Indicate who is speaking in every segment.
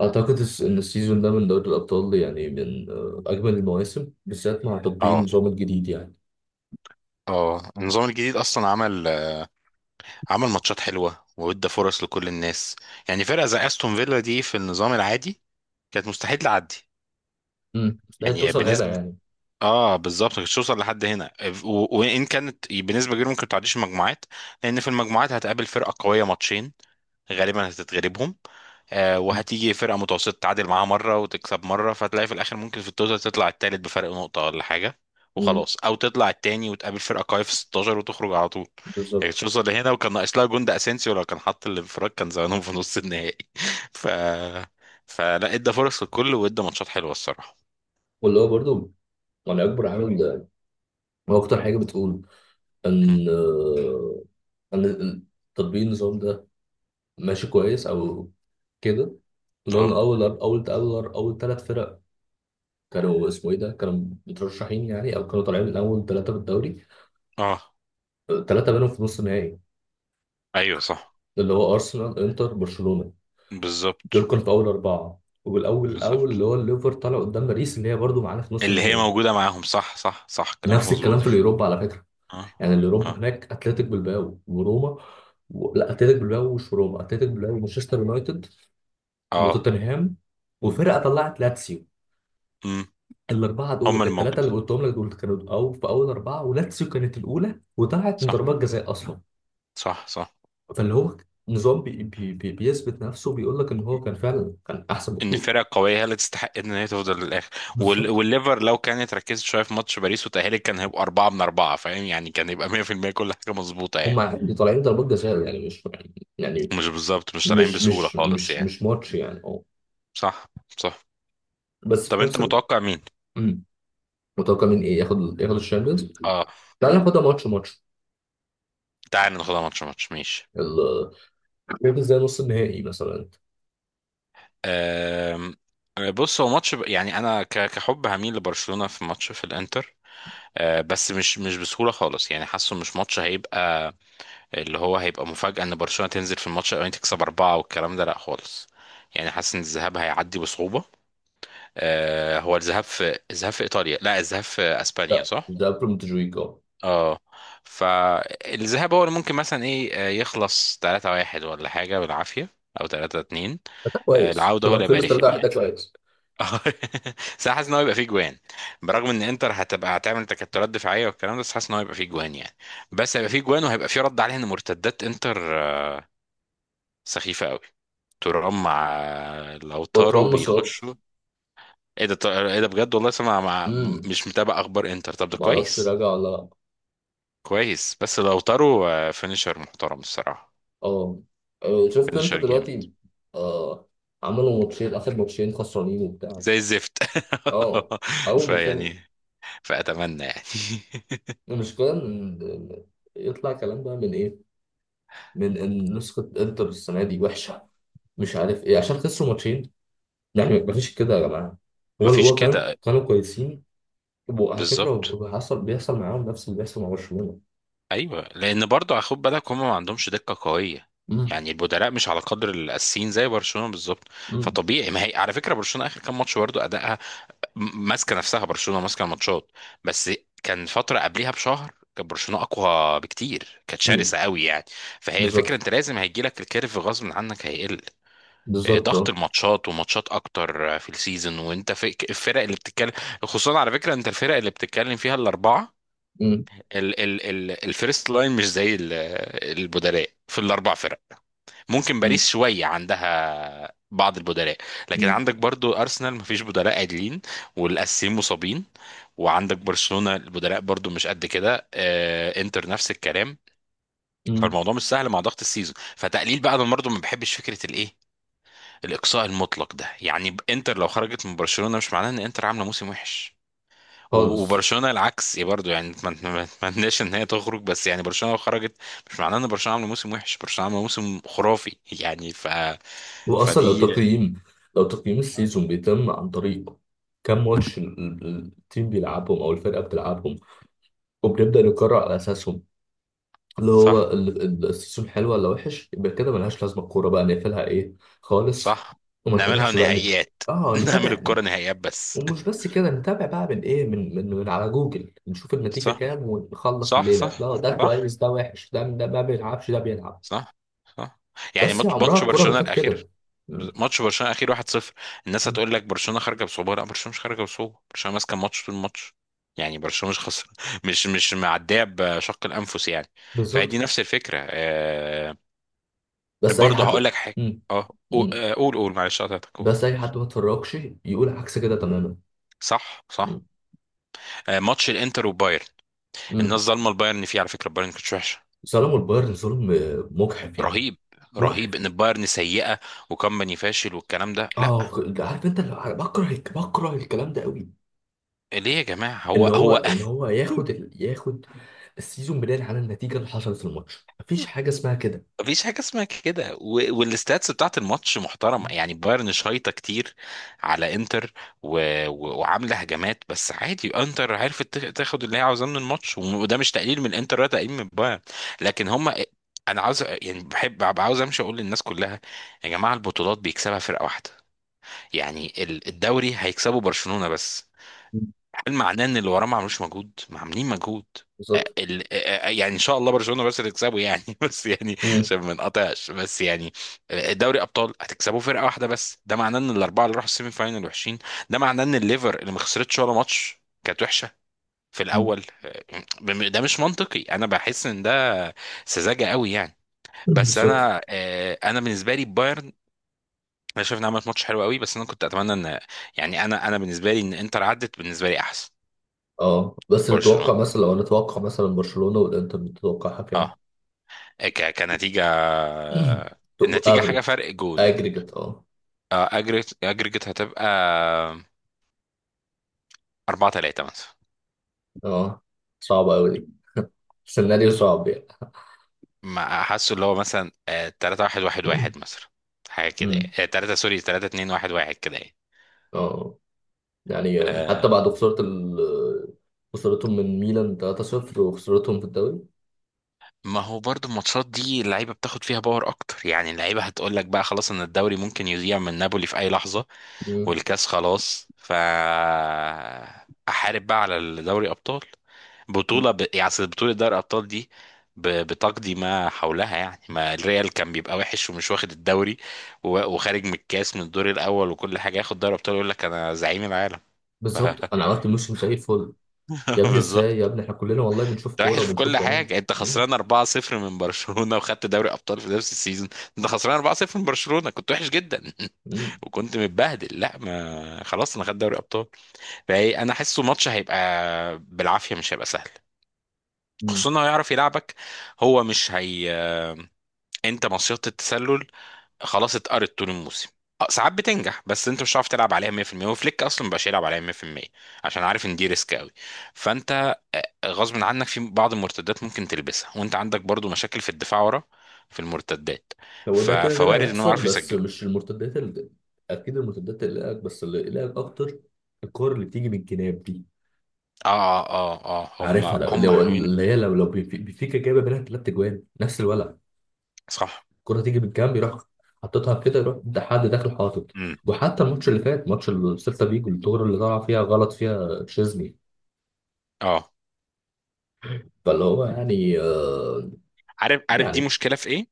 Speaker 1: أعتقد إن السيزون ده من دوري الأبطال يعني من أجمل المواسم بالذات مع تطبيق
Speaker 2: اه
Speaker 1: النظام الجديد يعني.
Speaker 2: اه، النظام الجديد اصلا عمل ماتشات حلوه وادى فرص لكل الناس. يعني فرقه زي استون فيلا دي في النظام العادي كانت مستحيل تعدي،
Speaker 1: لا
Speaker 2: يعني
Speaker 1: توصل هنا
Speaker 2: بنسبه.
Speaker 1: يعني.
Speaker 2: اه بالظبط، كانت توصل لحد هنا، وان كانت بنسبه كبيره ممكن تعديش المجموعات، لان في المجموعات هتقابل فرقه قويه ماتشين غالبا هتتغلبهم. وهتيجي فرقة متوسطة تعادل معاها مرة وتكسب مرة، فتلاقي في الآخر ممكن في التوتال تطلع التالت بفرق نقطة ولا حاجة،
Speaker 1: امم
Speaker 2: وخلاص. أو تطلع التاني وتقابل فرقة قوية في 16 وتخرج على طول. يعني كانت
Speaker 1: بالظبط.
Speaker 2: توصل لهنا، وكان ناقص لها جون. ده أسينسيو لو كان حط الانفراد كان زمانهم في نص النهائي. ف فلا، ادى فرص للكل وادى ماتشات حلوة الصراحة.
Speaker 1: واللي هو برضه يعني أكبر عامل ده، هو أكتر حاجة بتقول
Speaker 2: هم.
Speaker 1: إن إن تطبيق النظام ده ماشي كويس أو كده، اللي هو
Speaker 2: اه.
Speaker 1: إن أول ثلاث فرق كانوا اسمه إيه ده كانوا مترشحين يعني، أو كانوا طالعين من أول ثلاثة في الدوري.
Speaker 2: اه.
Speaker 1: ثلاثة منهم في نص النهائي،
Speaker 2: ايوه صح.
Speaker 1: اللي هو أرسنال إنتر برشلونة.
Speaker 2: بالظبط.
Speaker 1: دول كانوا في اول اربعه، والاول
Speaker 2: بالظبط
Speaker 1: اللي هو الليفر طلع قدام باريس اللي هي برضو معانا في نص
Speaker 2: اللي هي
Speaker 1: النهائي.
Speaker 2: موجودة معاهم، صح صح صح، كلامك
Speaker 1: نفس الكلام
Speaker 2: مظبوط.
Speaker 1: في اليوروبا على فكره،
Speaker 2: اه.
Speaker 1: يعني
Speaker 2: اه.
Speaker 1: اليوروبا هناك اتلتيك بالباو وروما لا، اتلتيك بالباو مش روما، اتلتيك بالباو ومانشستر يونايتد
Speaker 2: اه.
Speaker 1: وتوتنهام وفرقه طلعت لاتسيو.
Speaker 2: امم.
Speaker 1: الاربعه
Speaker 2: هم
Speaker 1: دول
Speaker 2: اللي
Speaker 1: الثلاثه اللي
Speaker 2: موجودين،
Speaker 1: قلتهم لك دول كانوا او في اول اربعه، ولاتسيو كانت الاولى وطلعت من
Speaker 2: صح.
Speaker 1: ضربات جزاء اصلا.
Speaker 2: صح صح.
Speaker 1: فاللي هو نظام بيثبت نفسه، بيقول لك ان هو كان فعلا كان احسن
Speaker 2: ان
Speaker 1: بكتير.
Speaker 2: فرقه قويه هي اللي تستحق ان هي تفضل للاخر.
Speaker 1: بالظبط.
Speaker 2: والليفر لو كانت ركزت شويه في ماتش باريس وتاهلت، كان هيبقى اربعه من اربعه، فاهم؟ يعني كان يبقى 100% كل حاجه مظبوطه يعني.
Speaker 1: دي طالعين ضربات جزاء يعني، مش يعني يعني،
Speaker 2: مش بالظبط، مش طالعين
Speaker 1: مش
Speaker 2: بسهوله
Speaker 1: مش
Speaker 2: خالص
Speaker 1: مش
Speaker 2: يعني.
Speaker 1: مش ماتش يعني، اه.
Speaker 2: صح. صح.
Speaker 1: بس
Speaker 2: طب
Speaker 1: في
Speaker 2: انت
Speaker 1: نفس
Speaker 2: متوقع مين؟
Speaker 1: مم. متوقع مين، ايه ياخد، ياخد الشامبيونز.
Speaker 2: اه.
Speaker 1: تعال ناخدها ماتش ماتش.
Speaker 2: تعال ناخدها ماتش ماتش، ماشي.
Speaker 1: ال- شايف ازاي نص النهائي مثلا؟
Speaker 2: أم... بص، هو ماتش يعني انا كحب هميل لبرشلونه في ماتش في الانتر. بس مش بسهولة خالص يعني. حاسه مش ماتش هيبقى، اللي هو هيبقى مفاجأة ان برشلونة تنزل في الماتش الاولاني تكسب أربعة والكلام ده، لا خالص. يعني حاسس ان الذهاب هيعدي بصعوبة. آه، هو الذهاب في الذهاب في ايطاليا؟ لا، الذهاب في اسبانيا
Speaker 1: لا،
Speaker 2: صح.
Speaker 1: ده قبل مونتجويك، اه.
Speaker 2: اه، فالذهاب هو اللي ممكن مثلا ايه، يخلص 3-1 ولا حاجة بالعافية، او 3-2.
Speaker 1: ده كويس،
Speaker 2: العودة هو
Speaker 1: لو
Speaker 2: اللي هيبقى
Speaker 1: خلص 3
Speaker 2: رخم
Speaker 1: 1 ده
Speaker 2: يعني.
Speaker 1: كويس.
Speaker 2: اه. بس أنا حاسس ان هو يبقى فيه جوان، برغم ان انتر هتبقى هتعمل تكتلات دفاعيه والكلام ده، بس حاسس ان هو هيبقى فيه جوان يعني. بس هيبقى فيه جوان، وهيبقى فيه رد عليها، ان مرتدات انتر سخيفه قوي. ترام مع لوتارو
Speaker 1: وترام مصاب.
Speaker 2: بيخشوا. ايه ده؟ ايه ده بجد، والله سمع مع.
Speaker 1: امم
Speaker 2: مش متابع اخبار انتر، طب ده
Speaker 1: ما اعرفش
Speaker 2: كويس.
Speaker 1: راجع ولا لا.
Speaker 2: كويس. بس لوتارو فينيشر محترم الصراحه.
Speaker 1: اه، شفت انت
Speaker 2: فينيشر جامد
Speaker 1: دلوقتي؟ آه. عملوا ماتشين، اخر ماتشين خسرانين وبتاع.
Speaker 2: زي الزفت.
Speaker 1: اه. اول ما سمعوا
Speaker 2: فيعني، فاتمنى يعني.
Speaker 1: المشكلة يطلع كلام بقى من إيه؟ من إن نسخة إنتر السنة دي وحشة، مش عارف إيه عشان خسروا ماتشين. يعني مفيش كده يا جماعة. هو
Speaker 2: مفيش
Speaker 1: هو كان
Speaker 2: كده.
Speaker 1: كانوا كويسين. وعلى فكرة
Speaker 2: بالظبط.
Speaker 1: هو حصل، بيحصل معاهم نفس اللي بيحصل مع برشلونة.
Speaker 2: ايوه، لان برضو خد بالك، هم ما عندهمش دقه قويه.
Speaker 1: أمم،
Speaker 2: يعني البدلاء مش على قدر الاساسيين، زي برشلونه بالظبط.
Speaker 1: أمم،
Speaker 2: فطبيعي. ما هي على فكره برشلونه اخر كام ماتش برضو ادائها، ماسكه نفسها. برشلونه ماسكه الماتشات بس. كان فتره قبلها بشهر كان برشلونه اقوى بكتير، كانت
Speaker 1: أمم.
Speaker 2: شرسه قوي يعني. فهي الفكره،
Speaker 1: بالظبط.
Speaker 2: انت لازم هيجي لك الكيرف غصب عنك، هيقل
Speaker 1: بالظبط،
Speaker 2: ضغط
Speaker 1: أه.
Speaker 2: الماتشات وماتشات اكتر في السيزون، وانت في الفرق اللي بتتكلم. خصوصا على فكره انت الفرق اللي بتتكلم فيها الاربعه،
Speaker 1: أمم،
Speaker 2: ال ال ال الفيرست لاين مش زي البدلاء في الاربع فرق. ممكن
Speaker 1: أمم،
Speaker 2: باريس شوية عندها بعض البدلاء، لكن
Speaker 1: أمم،
Speaker 2: عندك برضو أرسنال مفيش بدلاء عادلين والأساسيين مصابين، وعندك برشلونة البدلاء برضو مش قد كده. انتر نفس الكلام.
Speaker 1: أمم.
Speaker 2: فالموضوع مش سهل مع ضغط السيزون. فتقليل بقى، انا برضو ما بحبش فكرة الايه، الإقصاء المطلق ده. يعني انتر لو خرجت من برشلونة، مش معناه ان انتر عاملة موسم وحش.
Speaker 1: خالص.
Speaker 2: وبرشلونه العكس إيه برضو يعني، ما اتمناش ان هي تخرج، بس يعني برشلونه لو خرجت مش معناه ان برشلونه عامله موسم وحش، برشلونه عامله موسم خرافي يعني. ف،
Speaker 1: وأصلا لو
Speaker 2: فدي.
Speaker 1: تقييم، لو تقييم السيزون بيتم عن طريق كم ماتش التيم بيلعبهم أو الفرقة بتلعبهم، وبنبدأ نقرر على أساسهم اللي هو
Speaker 2: صح.
Speaker 1: السيزون حلو ولا وحش، يبقى كده ملهاش لازمه الكوره، بقى نقفلها ايه، خالص.
Speaker 2: صح.
Speaker 1: وما
Speaker 2: نعملها
Speaker 1: نتابعش بقى
Speaker 2: نهائيات.
Speaker 1: اه
Speaker 2: نعمل
Speaker 1: نتابع.
Speaker 2: الكره نهائيات بس.
Speaker 1: ومش بس كده، نتابع بقى من ايه، من من على جوجل نشوف النتيجه
Speaker 2: صح.
Speaker 1: كام ونخلص
Speaker 2: صح
Speaker 1: الليله،
Speaker 2: صح.
Speaker 1: لا ده
Speaker 2: صح.
Speaker 1: كويس ده وحش، ده ده ما بيلعبش ده بيلعب.
Speaker 2: صح. صح. يعني
Speaker 1: بس يا
Speaker 2: ماتش
Speaker 1: عمرها
Speaker 2: ماتش
Speaker 1: الكوره ما
Speaker 2: برشلونة
Speaker 1: كانت
Speaker 2: الأخير،
Speaker 1: كده. م.
Speaker 2: ماتش برشلونة الأخير 1-0. الناس هتقول لك برشلونة خارجة بصعوبة، لا برشلونة مش خارجة بصعوبة، برشلونة ماسكة الماتش طول الماتش، يعني برشلونة مش خسر. مش معدية بشق الأنفس يعني. فهي
Speaker 1: بالظبط.
Speaker 2: دي نفس الفكرة. آه،
Speaker 1: بس اي
Speaker 2: برضه
Speaker 1: حد
Speaker 2: هقول لك حاجة.
Speaker 1: م.
Speaker 2: اه.
Speaker 1: م.
Speaker 2: قول قول، معلش قطعتك، قول.
Speaker 1: بس اي حد ما اتفرجش يقول عكس كده تماما.
Speaker 2: صح.
Speaker 1: م.
Speaker 2: صح. ماتش الانتر وبايرن،
Speaker 1: م.
Speaker 2: الناس ظالمه البايرن فيه على فكره. البايرن كانت وحشه
Speaker 1: ظلموا البايرن ظلم مجحف يعني.
Speaker 2: رهيب، رهيب
Speaker 1: مجحف.
Speaker 2: ان البايرن سيئه وكمباني فاشل والكلام ده، لا.
Speaker 1: اه عارف انت اللي بكره بكره الكلام ده قوي،
Speaker 2: ليه يا جماعه؟
Speaker 1: اللي
Speaker 2: هو
Speaker 1: هو
Speaker 2: هو
Speaker 1: اللي هو ياخد ياخد السيزون بناء على النتيجه اللي حصلت في الماتش. مفيش حاجه اسمها كده.
Speaker 2: مفيش حاجة اسمها كده. والستاتس بتاعت الماتش محترمة يعني، بايرن شايطة كتير على انتر و... وعاملة هجمات، بس عادي انتر عرفت تاخد اللي هي عاوزاه من الماتش. وده مش تقليل من الانتر ولا تقليل من بايرن، لكن هما. انا عاوز، يعني بحب ببقى عاوز امشي اقول للناس كلها: يا جماعة البطولات بيكسبها فرقة واحدة. يعني الدوري هيكسبه برشلونة بس،
Speaker 1: مم.
Speaker 2: هل معناه ان اللي وراه ما عملوش مجهود، ما عاملين مجهود؟
Speaker 1: بالظبط.
Speaker 2: يعني ان شاء الله برشلونه بس تكسبه يعني، بس يعني
Speaker 1: مم.
Speaker 2: عشان ما نقطعش بس يعني. دوري ابطال هتكسبوا فرقه واحده بس، ده معناه ان الاربعه اللي راحوا السيمي فاينال وحشين؟ ده معناه ان الليفر اللي ما خسرتش ولا ماتش كانت وحشه في
Speaker 1: مم.
Speaker 2: الاول؟ ده مش منطقي. انا بحس ان ده سذاجه قوي يعني. بس
Speaker 1: بالظبط.
Speaker 2: انا انا بالنسبه لي بايرن، انا شايف انها عملت ماتش حلو قوي. بس انا كنت اتمنى ان، يعني انا بالنسبه لي ان انتر عدت بالنسبه لي احسن.
Speaker 1: اه، بس
Speaker 2: برشلونه.
Speaker 1: نتوقع مثلا، لو نتوقع مثلا برشلونه والانتر، نتوقع
Speaker 2: اه،
Speaker 1: حكام
Speaker 2: كنتيجة، النتيجة حاجة
Speaker 1: افريج،
Speaker 2: فرق جون.
Speaker 1: اجريجيت اه.
Speaker 2: أجريت هتبقى أربعة تلاتة مثلا.
Speaker 1: اه، صعبه قوي دي، سيناريو صعب يعني.
Speaker 2: ما حاسه اللي هو مثلا تلاتة واحد واحد واحد مثلا. حاجة كده
Speaker 1: مم.
Speaker 2: يعني، تلاتة سوري تلاتة اتنين واحد واحد كده يعني.
Speaker 1: اه، يعني حتى
Speaker 2: آه،
Speaker 1: بعد خساره خسارتهم من ميلان 3-0 وخسارتهم في الدوري.
Speaker 2: ما هو برضو الماتشات دي اللعيبه بتاخد فيها باور اكتر يعني. اللعيبه هتقول لك بقى، خلاص ان الدوري ممكن يضيع من نابولي في اي لحظه،
Speaker 1: مم.
Speaker 2: والكاس خلاص، ف احارب بقى على دوري ابطال. بطوله يعني، أصل بطوله دوري ابطال دي بتقضي ما حولها يعني. ما الريال كان بيبقى وحش ومش واخد الدوري، وخارج من الكاس من الدور الاول وكل حاجه، ياخد دوري ابطال يقول لك انا زعيم العالم. ف...
Speaker 1: بالظبط. انا عملت موشن زي الفل، يا ابني ازاي يا
Speaker 2: بالظبط.
Speaker 1: ابني، احنا كلنا والله بنشوف
Speaker 2: انت
Speaker 1: كوره
Speaker 2: وحش في
Speaker 1: وبنشوف
Speaker 2: كل
Speaker 1: بعينينا.
Speaker 2: حاجه، انت
Speaker 1: مم.
Speaker 2: خسران 4-0 من برشلونه وخدت دوري ابطال في نفس السيزون. انت خسران 4-0 من برشلونه كنت وحش جدا،
Speaker 1: مم.
Speaker 2: وكنت متبهدل، لا ما خلاص انا خدت دوري ابطال. فايه، انا حاسه ماتش هيبقى بالعافيه، مش هيبقى سهل.
Speaker 1: مم.
Speaker 2: خصوصا انه هيعرف يلعبك. هو مش هي، انت مصيدة التسلل، خلاص اتقرت طول الموسم. ساعات بتنجح، بس انت مش هتعرف تلعب عليها 100%، وفليك اصلا مبقاش يلعب عليها 100% عشان عارف ان دي ريسك قوي. فانت غصب عنك في بعض المرتدات ممكن تلبسها، وانت عندك برضو مشاكل في الدفاع ورا في المرتدات.
Speaker 1: هو ده كده، كده
Speaker 2: فوارد انهم
Speaker 1: هيحصل،
Speaker 2: يعرفوا
Speaker 1: بس
Speaker 2: يسجلوا.
Speaker 1: مش المرتدات اللي... اكيد المرتدات اللي قلقك، بس اللي قلقك اكتر الكور اللي بتيجي من الجناب دي.
Speaker 2: اه اه اه اه، هم
Speaker 1: عارفها، لو
Speaker 2: هم حلوين.
Speaker 1: اللي هي لو لو بيفيكا جايبه منها ثلاث اجوان نفس الولع.
Speaker 2: صح.
Speaker 1: الكره تيجي من الجنب، يروح حطيتها كده، يروح ده حد داخل حاطط.
Speaker 2: امم.
Speaker 1: وحتى الماتش اللي فات، ماتش السيلتا فيجو، الكوره اللي طلع فيها غلط فيها تشيزني.
Speaker 2: اه،
Speaker 1: فاللي هو يعني
Speaker 2: عارف، عارف دي
Speaker 1: يعني.
Speaker 2: مشكله في ايه،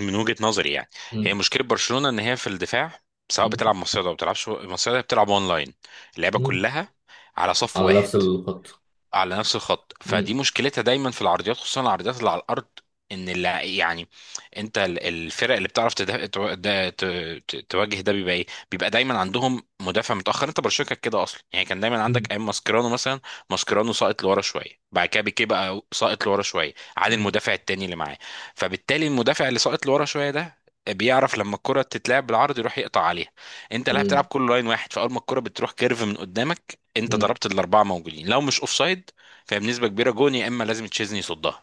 Speaker 2: من وجهه نظري يعني. هي
Speaker 1: مم.
Speaker 2: مشكله برشلونه ان هي في الدفاع، سواء
Speaker 1: مم.
Speaker 2: بتلعب مصيدة او بتلعبش مصيدة، بتلعب اونلاين. اللعبه
Speaker 1: مم.
Speaker 2: كلها على صف
Speaker 1: على
Speaker 2: واحد،
Speaker 1: نفس الخط.
Speaker 2: على نفس الخط.
Speaker 1: مم.
Speaker 2: فدي مشكلتها دايما في العرضيات، خصوصا العرضيات اللي على الارض. ان يعني انت، الفرق اللي بتعرف تده... تو- ده- ت... ت... تواجه ده بيبقى ايه، بيبقى دايما عندهم مدافع متاخر. انت برشلونه كانت كده اصلا يعني، كان دايما
Speaker 1: مم.
Speaker 2: عندك ايام ماسكيرانو مثلا. ماسكيرانو ساقط لورا شويه، بعد كده بيكي بقى ساقط لورا شويه عن
Speaker 1: مم.
Speaker 2: المدافع التاني اللي معاه. فبالتالي المدافع اللي ساقط لورا شويه ده بيعرف لما الكرة تتلعب بالعرض يروح يقطع عليها. انت لا، بتلعب
Speaker 1: مم.
Speaker 2: كل لاين واحد، فاول ما الكرة بتروح كيرف من قدامك انت
Speaker 1: مم.
Speaker 2: ضربت، الاربعه موجودين لو مش اوفسايد. فهي بنسبه كبيره جون، يا اما لازم تشيزني يصدها.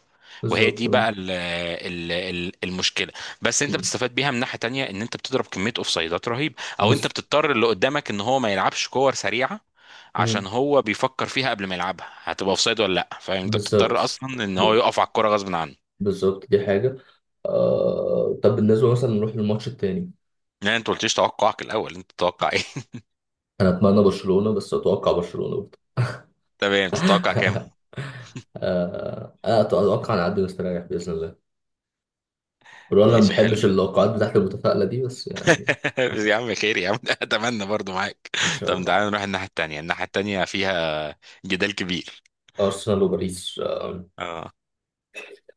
Speaker 2: وهي
Speaker 1: بالظبط.
Speaker 2: دي بقى ال المشكله. بس انت
Speaker 1: مم.
Speaker 2: بتستفاد بيها من ناحيه تانية، ان انت بتضرب كميه اوفسايدات رهيبه، او انت
Speaker 1: بس.
Speaker 2: بتضطر اللي قدامك ان هو ما يلعبش كور سريعه عشان
Speaker 1: مم.
Speaker 2: هو بيفكر فيها قبل ما يلعبها هتبقى اوفسايد ولا لا، فاهم؟ انت
Speaker 1: بالظبط.
Speaker 2: بتضطر اصلا ان
Speaker 1: ب-
Speaker 2: هو يقف على الكوره غصب عنه.
Speaker 1: بالظبط دي حاجة. طب بالنسبة مثلا نروح للماتش التاني.
Speaker 2: لا انت قلتليش توقعك الاول، انت تتوقع ايه؟
Speaker 1: أنا أتمنى برشلونة بس أتوقع برشلونة برضه.
Speaker 2: تمام، تتوقع كام؟
Speaker 1: أنا أتوقع نعدي مستريح بإذن الله، برغم أنا ما
Speaker 2: ماشي، حلو.
Speaker 1: بحبش اللقاءات بتاعت المتفائلة دي بس يعني.
Speaker 2: يا عم خير يا عم، اتمنى برضو معاك.
Speaker 1: إن شاء
Speaker 2: طب
Speaker 1: الله.
Speaker 2: تعالى نروح الناحيه التانيه، الناحيه التانيه فيها جدال كبير.
Speaker 1: أرسنال وباريس،
Speaker 2: اه.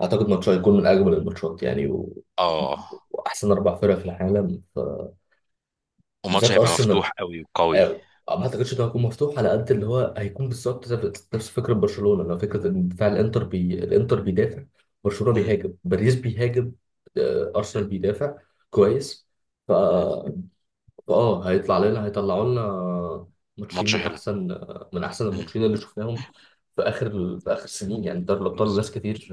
Speaker 1: اعتقد ماتش هيكون من اجمل الماتشات يعني و...
Speaker 2: اه.
Speaker 1: واحسن اربع فرق في العالم ف...
Speaker 2: وماتش
Speaker 1: بالذات
Speaker 2: هيبقى
Speaker 1: ارسنال،
Speaker 2: مفتوح قوي وقوي.
Speaker 1: آه، ما اعتقدش انه هيكون مفتوح على قد اللي هو هيكون بالظبط، نفس فكره برشلونه، لو فكره ان دفاع الانتر الانتر بيدافع، برشلونه
Speaker 2: مم.
Speaker 1: بيهاجم، باريس بيهاجم، ارسنال
Speaker 2: مم.
Speaker 1: بيدافع. كويس. ف
Speaker 2: مم.
Speaker 1: اه هيطلع لنا، هيطلعوا لنا ماتشين
Speaker 2: ماتش
Speaker 1: من
Speaker 2: حلو.
Speaker 1: احسن، من احسن
Speaker 2: مم.
Speaker 1: الماتشين اللي شفناهم في اخر، في اخر سنين يعني. دوري الابطال
Speaker 2: بالظبط.
Speaker 1: ناس كتير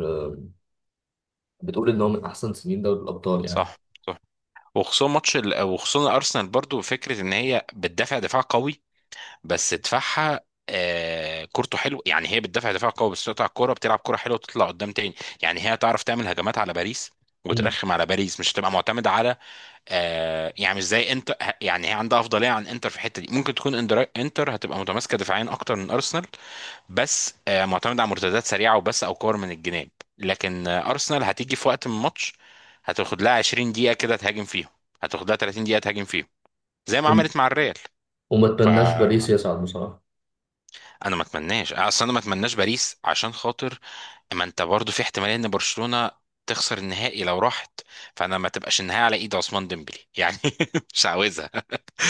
Speaker 1: بتقول ان هو من احسن سنين دوري الابطال يعني.
Speaker 2: صح. صح. وخصوصا وخصوصا ارسنال برضو، فكره ان هي بتدافع دفاع قوي، بس دفاعها آه كورته حلو يعني. هي بتدافع دفاع قوي بس تقطع الكوره بتلعب كوره حلوه وتطلع قدام تاني. يعني هي تعرف تعمل هجمات على باريس
Speaker 1: مم.
Speaker 2: وترخم على باريس، مش هتبقى معتمده على، آه، يعني مش زي انتر، يعني هي عندها افضليه عن انتر في الحته دي. ممكن تكون انتر هتبقى متماسكه دفاعيا اكتر من ارسنال، بس آه معتمده على مرتدات سريعه وبس، او كور من الجناب. لكن آه ارسنال هتيجي في وقت من الماتش، هتاخد لها 20 دقيقه كده تهاجم فيهم، هتاخد لها 30 دقيقه تهاجم فيهم، زي ما
Speaker 1: وم-
Speaker 2: عملت مع الريال.
Speaker 1: وما اتمناش باريس
Speaker 2: فانا
Speaker 1: يصعد بصراحة.
Speaker 2: ما اتمناش اصلا، انا ما اتمناش باريس عشان خاطر، ما انت برضو في احتماليه ان برشلونه تخسر النهائي لو راحت. فانا ما تبقاش النهائي على ايد عثمان ديمبلي يعني، مش عاوزها.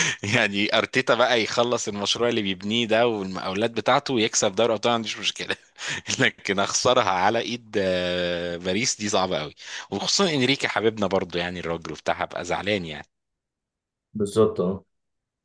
Speaker 2: يعني ارتيتا بقى يخلص المشروع اللي بيبنيه ده والمقاولات بتاعته ويكسب دوري ابطال، ما عنديش مشكله. لكن اخسرها على ايد باريس، دي صعبه قوي. وخصوصا انريكي حبيبنا برضو يعني، الراجل وبتاع، هبقى زعلان يعني.
Speaker 1: بالظبط، اه.